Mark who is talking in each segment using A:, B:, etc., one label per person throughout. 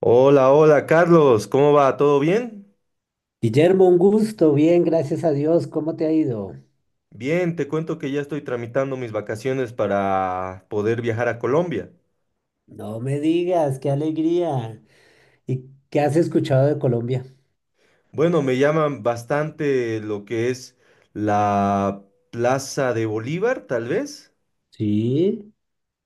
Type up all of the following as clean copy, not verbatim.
A: Hola, hola Carlos, ¿cómo va? ¿Todo bien?
B: Guillermo, un gusto, bien, gracias a Dios, ¿cómo te ha ido?
A: Bien, te cuento que ya estoy tramitando mis vacaciones para poder viajar a Colombia.
B: No me digas, qué alegría. ¿Y qué has escuchado de Colombia?
A: Bueno, me llaman bastante lo que es la Plaza de Bolívar, tal vez.
B: Sí,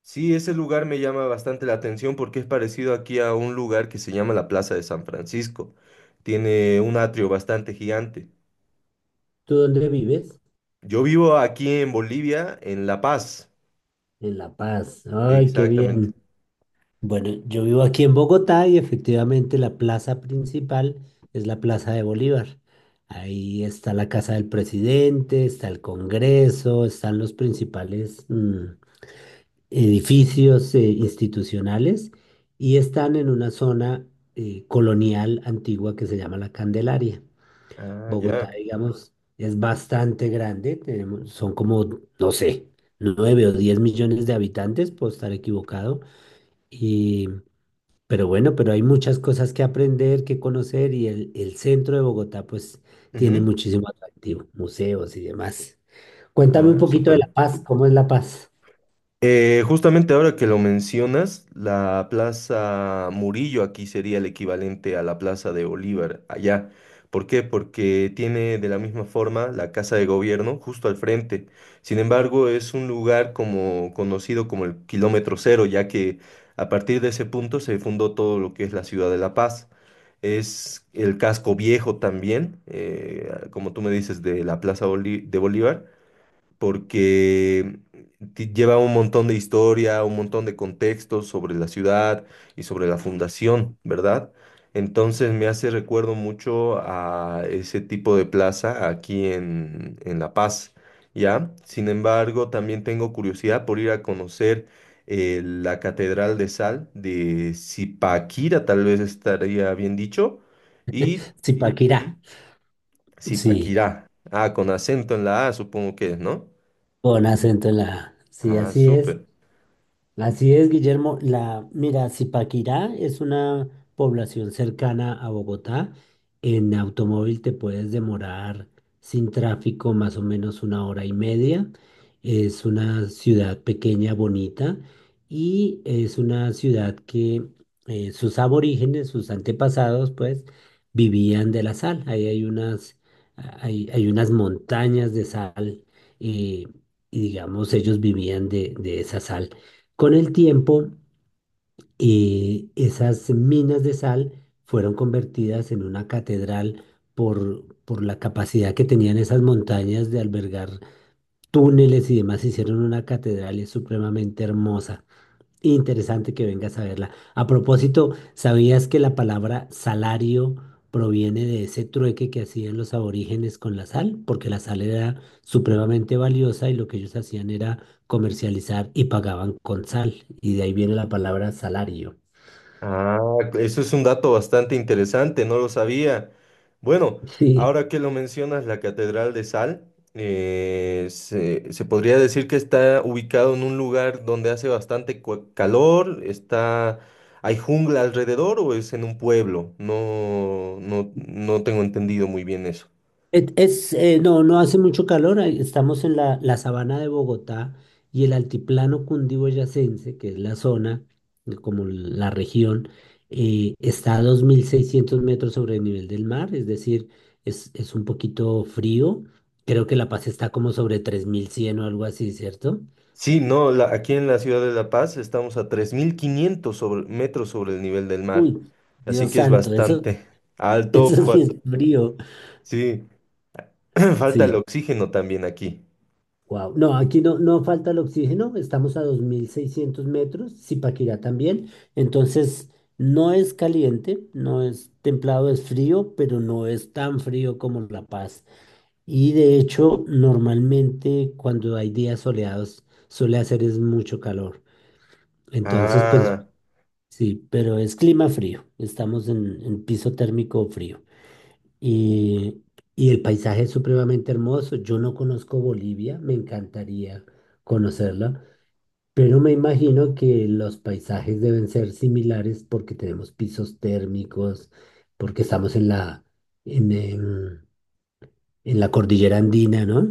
A: Sí, ese lugar me llama bastante la atención porque es parecido aquí a un lugar que se llama la Plaza de San Francisco. Tiene un atrio bastante gigante.
B: ¿tú dónde vives?
A: Yo vivo aquí en Bolivia, en La Paz.
B: En La Paz. Ay, qué
A: Exactamente.
B: bien. Bueno, yo vivo aquí en Bogotá y efectivamente la plaza principal es la Plaza de Bolívar. Ahí está la casa del presidente, está el Congreso, están los principales, mm, edificios institucionales y están en una zona colonial antigua que se llama La Candelaria.
A: Ah,
B: Bogotá,
A: ya.
B: digamos, es bastante grande, tenemos, son como, no sé, 9 o 10 millones de habitantes, puedo estar equivocado, y, pero bueno, pero hay muchas cosas que aprender, que conocer y el centro de Bogotá pues tiene
A: Ujú.
B: muchísimo atractivo, museos y demás. Cuéntame un
A: Ah,
B: poquito de La
A: súper.
B: Paz, ¿cómo es La Paz?
A: Justamente ahora que lo mencionas, la Plaza Murillo aquí sería el equivalente a la Plaza de Bolívar allá. ¿Por qué? Porque tiene de la misma forma la Casa de Gobierno justo al frente. Sin embargo, es un lugar como conocido como el kilómetro cero, ya que a partir de ese punto se fundó todo lo que es la ciudad de La Paz. Es el casco viejo también, como tú me dices, de la de Bolívar porque lleva un montón de historia, un montón de contextos sobre la ciudad y sobre la fundación, ¿verdad? Entonces me hace recuerdo mucho a ese tipo de plaza aquí en La Paz, ¿ya? Sin embargo, también tengo curiosidad por ir a conocer la Catedral de Sal de Zipaquira, tal vez estaría bien dicho, y
B: Zipaquirá.
A: ujú,
B: Sí.
A: Zipaquirá. Ah, con acento en la A, supongo que es, ¿no?
B: Con acento en la A. Sí,
A: Ah,
B: así es.
A: súper.
B: Así es, Guillermo. La, mira, Zipaquirá es una población cercana a Bogotá. En automóvil te puedes demorar sin tráfico más o menos una hora y media. Es una ciudad pequeña, bonita, y es una ciudad que sus aborígenes, sus antepasados, pues, vivían de la sal. Hay unas montañas de sal, eh, y digamos, ellos vivían de esa sal. Con el tiempo, esas minas de sal fueron convertidas en una catedral por la capacidad que tenían esas montañas de albergar túneles y demás. Hicieron una catedral es supremamente hermosa. Interesante que vengas a verla. A propósito, ¿sabías que la palabra salario proviene de ese trueque que hacían los aborígenes con la sal? Porque la sal era supremamente valiosa y lo que ellos hacían era comercializar y pagaban con sal. Y de ahí viene la palabra salario.
A: Ah, eso es un dato bastante interesante, no lo sabía. Bueno,
B: Sí.
A: ahora que lo mencionas, la Catedral de Sal, se podría decir que está ubicado en un lugar donde hace bastante calor, está, ¿hay jungla alrededor o es en un pueblo? No, no, no tengo entendido muy bien eso.
B: No, no hace mucho calor, ahí estamos en la sabana de Bogotá y el altiplano cundiboyacense, que es la zona, como la región, está a 2600 metros sobre el nivel del mar, es decir, es un poquito frío. Creo que La Paz está como sobre 3100 o algo así, ¿cierto?
A: Sí, no, aquí en la ciudad de La Paz estamos a 3.500 metros sobre el nivel del mar,
B: Uy,
A: así
B: Dios
A: que es
B: santo, eso,
A: bastante alto.
B: eso sí es frío,
A: Sí, falta el
B: sí.
A: oxígeno también aquí.
B: Wow. No, aquí no, no falta el oxígeno, estamos a 2600 metros, Zipaquirá también, entonces no es caliente, no es templado, es frío, pero no es tan frío como La Paz. Y de hecho, normalmente cuando hay días soleados suele hacer es mucho calor. Entonces, pues
A: Ah,
B: sí, pero es clima frío, estamos en piso térmico frío. Y, y el paisaje es supremamente hermoso. Yo no conozco Bolivia, me encantaría conocerla, pero me imagino que los paisajes deben ser similares porque tenemos pisos térmicos, porque estamos en la, en, em, en la cordillera andina, ¿no?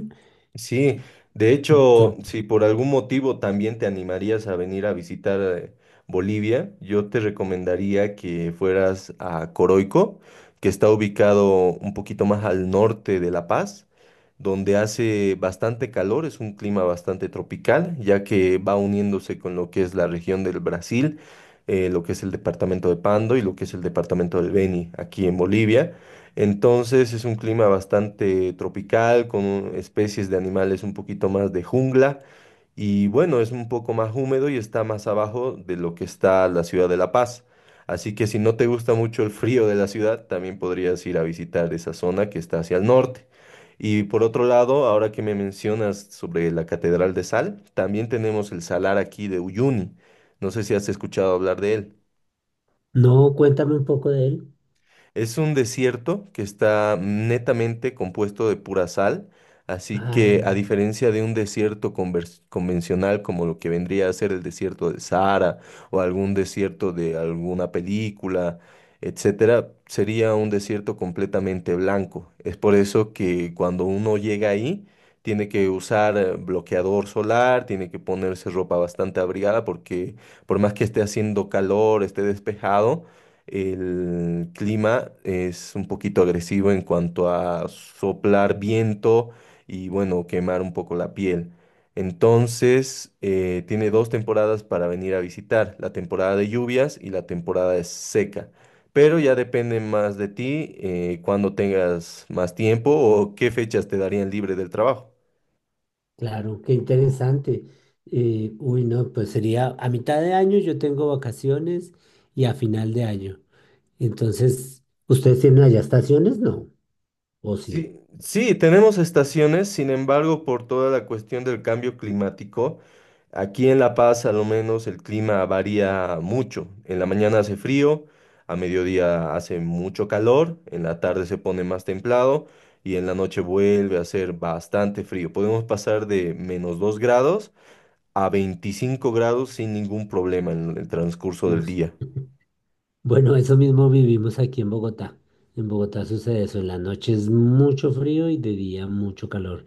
A: sí. De hecho,
B: Entonces,
A: si por algún motivo también te animarías a venir a visitar Bolivia, yo te recomendaría que fueras a Coroico, que está ubicado un poquito más al norte de La Paz, donde hace bastante calor, es un clima bastante tropical, ya que va uniéndose con lo que es la región del Brasil, lo que es el departamento de Pando y lo que es el departamento del Beni, aquí en Bolivia. Entonces es un clima bastante tropical, con especies de animales un poquito más de jungla y bueno, es un poco más húmedo y está más abajo de lo que está la ciudad de La Paz. Así que si no te gusta mucho el frío de la ciudad, también podrías ir a visitar esa zona que está hacia el norte. Y por otro lado, ahora que me mencionas sobre la Catedral de Sal, también tenemos el salar aquí de Uyuni. No sé si has escuchado hablar de él.
B: no, cuéntame un poco de él.
A: Es un desierto que está netamente compuesto de pura sal, así que a
B: Ah,
A: diferencia de un desierto convencional como lo que vendría a ser el desierto de Sahara o algún desierto de alguna película, etcétera, sería un desierto completamente blanco. Es por eso que cuando uno llega ahí tiene que usar bloqueador solar, tiene que ponerse ropa bastante abrigada porque por más que esté haciendo calor, esté despejado, el clima es un poquito agresivo en cuanto a soplar viento y bueno, quemar un poco la piel. Entonces, tiene dos temporadas para venir a visitar, la temporada de lluvias y la temporada de seca. Pero ya depende más de ti, cuando tengas más tiempo o qué fechas te darían libre del trabajo.
B: claro, qué interesante. Uy, no, pues sería a mitad de año yo tengo vacaciones y a final de año. Entonces, ¿ustedes tienen allá estaciones? No, o sí.
A: Sí, sí, tenemos estaciones, sin embargo, por toda la cuestión del cambio climático, aquí en La Paz, a lo menos, el clima varía mucho. En la mañana hace frío, a mediodía hace mucho calor, en la tarde se pone más templado y en la noche vuelve a hacer bastante frío. Podemos pasar de -2 grados a 25 grados sin ningún problema en el transcurso
B: No
A: del
B: sé.
A: día.
B: Bueno, eso mismo vivimos aquí en Bogotá. En Bogotá sucede eso, en la noche es mucho frío y de día mucho calor.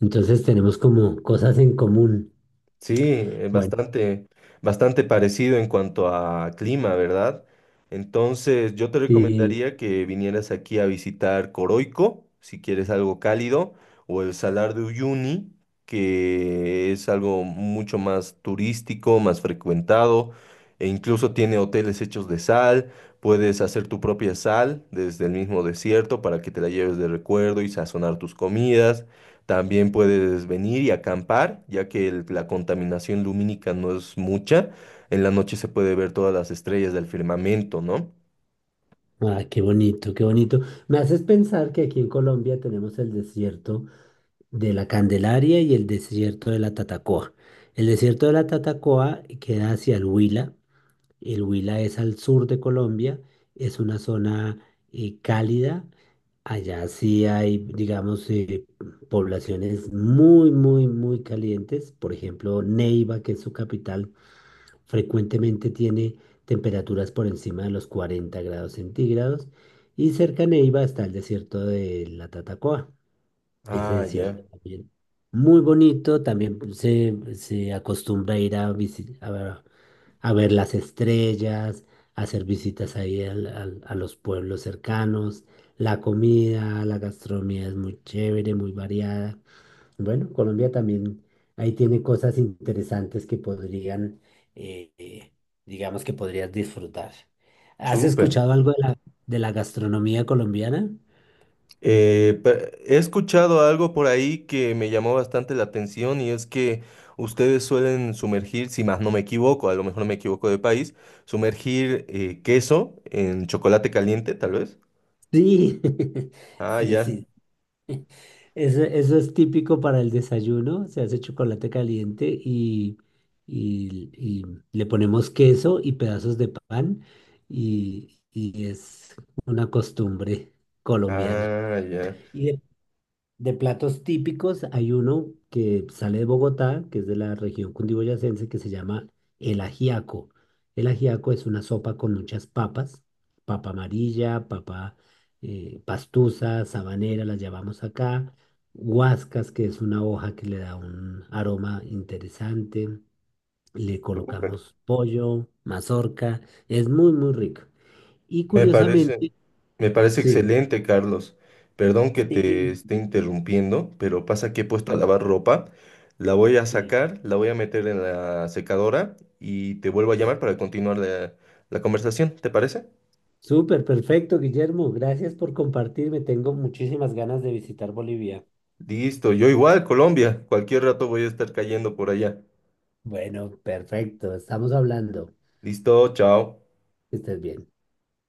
B: Entonces tenemos como cosas en común.
A: Sí,
B: Bueno,
A: bastante, bastante parecido en cuanto a clima, ¿verdad? Entonces, yo te
B: sí,
A: recomendaría que vinieras aquí a visitar Coroico, si quieres algo cálido, o el Salar de Uyuni, que es algo mucho más turístico, más frecuentado, e incluso tiene hoteles hechos de sal. Puedes hacer tu propia sal desde el mismo desierto para que te la lleves de recuerdo y sazonar tus comidas. También puedes venir y acampar, ya que la contaminación lumínica no es mucha. En la noche se puede ver todas las estrellas del firmamento, ¿no?
B: ah, qué bonito, qué bonito. Me haces pensar que aquí en Colombia tenemos el desierto de la Candelaria y el desierto de la Tatacoa. El desierto de la Tatacoa queda hacia el Huila. El Huila es al sur de Colombia, es una zona cálida. Allá sí hay, digamos, poblaciones muy, muy, muy calientes. Por ejemplo, Neiva, que es su capital, frecuentemente tiene temperaturas por encima de los 40 grados centígrados. Y cerca a Neiva está el desierto de la Tatacoa. Ese
A: Ah, ya,
B: desierto también. Muy bonito, también se acostumbra a ir a, a ver las estrellas, a hacer visitas ahí a los pueblos cercanos. La comida, la gastronomía es muy chévere, muy variada. Bueno, Colombia también ahí tiene cosas interesantes que podrían, eh, eh, digamos que podrías disfrutar. ¿Has
A: súper.
B: escuchado algo de la gastronomía colombiana?
A: He escuchado algo por ahí que me llamó bastante la atención y es que ustedes suelen sumergir, si más no me equivoco, a lo mejor me equivoco de país, sumergir queso en chocolate caliente, tal vez.
B: Sí,
A: Ah,
B: sí,
A: ya.
B: sí. Eso es típico para el desayuno, se hace chocolate caliente y le ponemos queso y pedazos de pan y es una costumbre colombiana.
A: Ah, ya.
B: De platos típicos hay uno que sale de Bogotá, que es de la región cundiboyacense, que se llama el ajiaco. El ajiaco es una sopa con muchas papas, papa amarilla, papa pastusa, sabanera, las llamamos acá, guascas, que es una hoja que le da un aroma interesante, le
A: Súper.
B: colocamos pollo, mazorca, es muy, muy rico. Y
A: Me parece,
B: curiosamente,
A: me parece
B: sí,
A: excelente, Carlos. Perdón que te
B: sí,
A: esté interrumpiendo, pero pasa que he puesto
B: mi
A: a lavar
B: madre,
A: ropa. La voy a
B: sí.
A: sacar, la voy a meter en la secadora y te vuelvo a llamar
B: Sí.
A: para continuar la conversación, ¿te parece?
B: Súper, perfecto, Guillermo. Gracias por compartirme. Tengo muchísimas ganas de visitar Bolivia.
A: Listo, yo igual, Colombia. Cualquier rato voy a estar cayendo por allá.
B: Bueno, perfecto. Estamos hablando.
A: Listo, chao.
B: Que estés bien.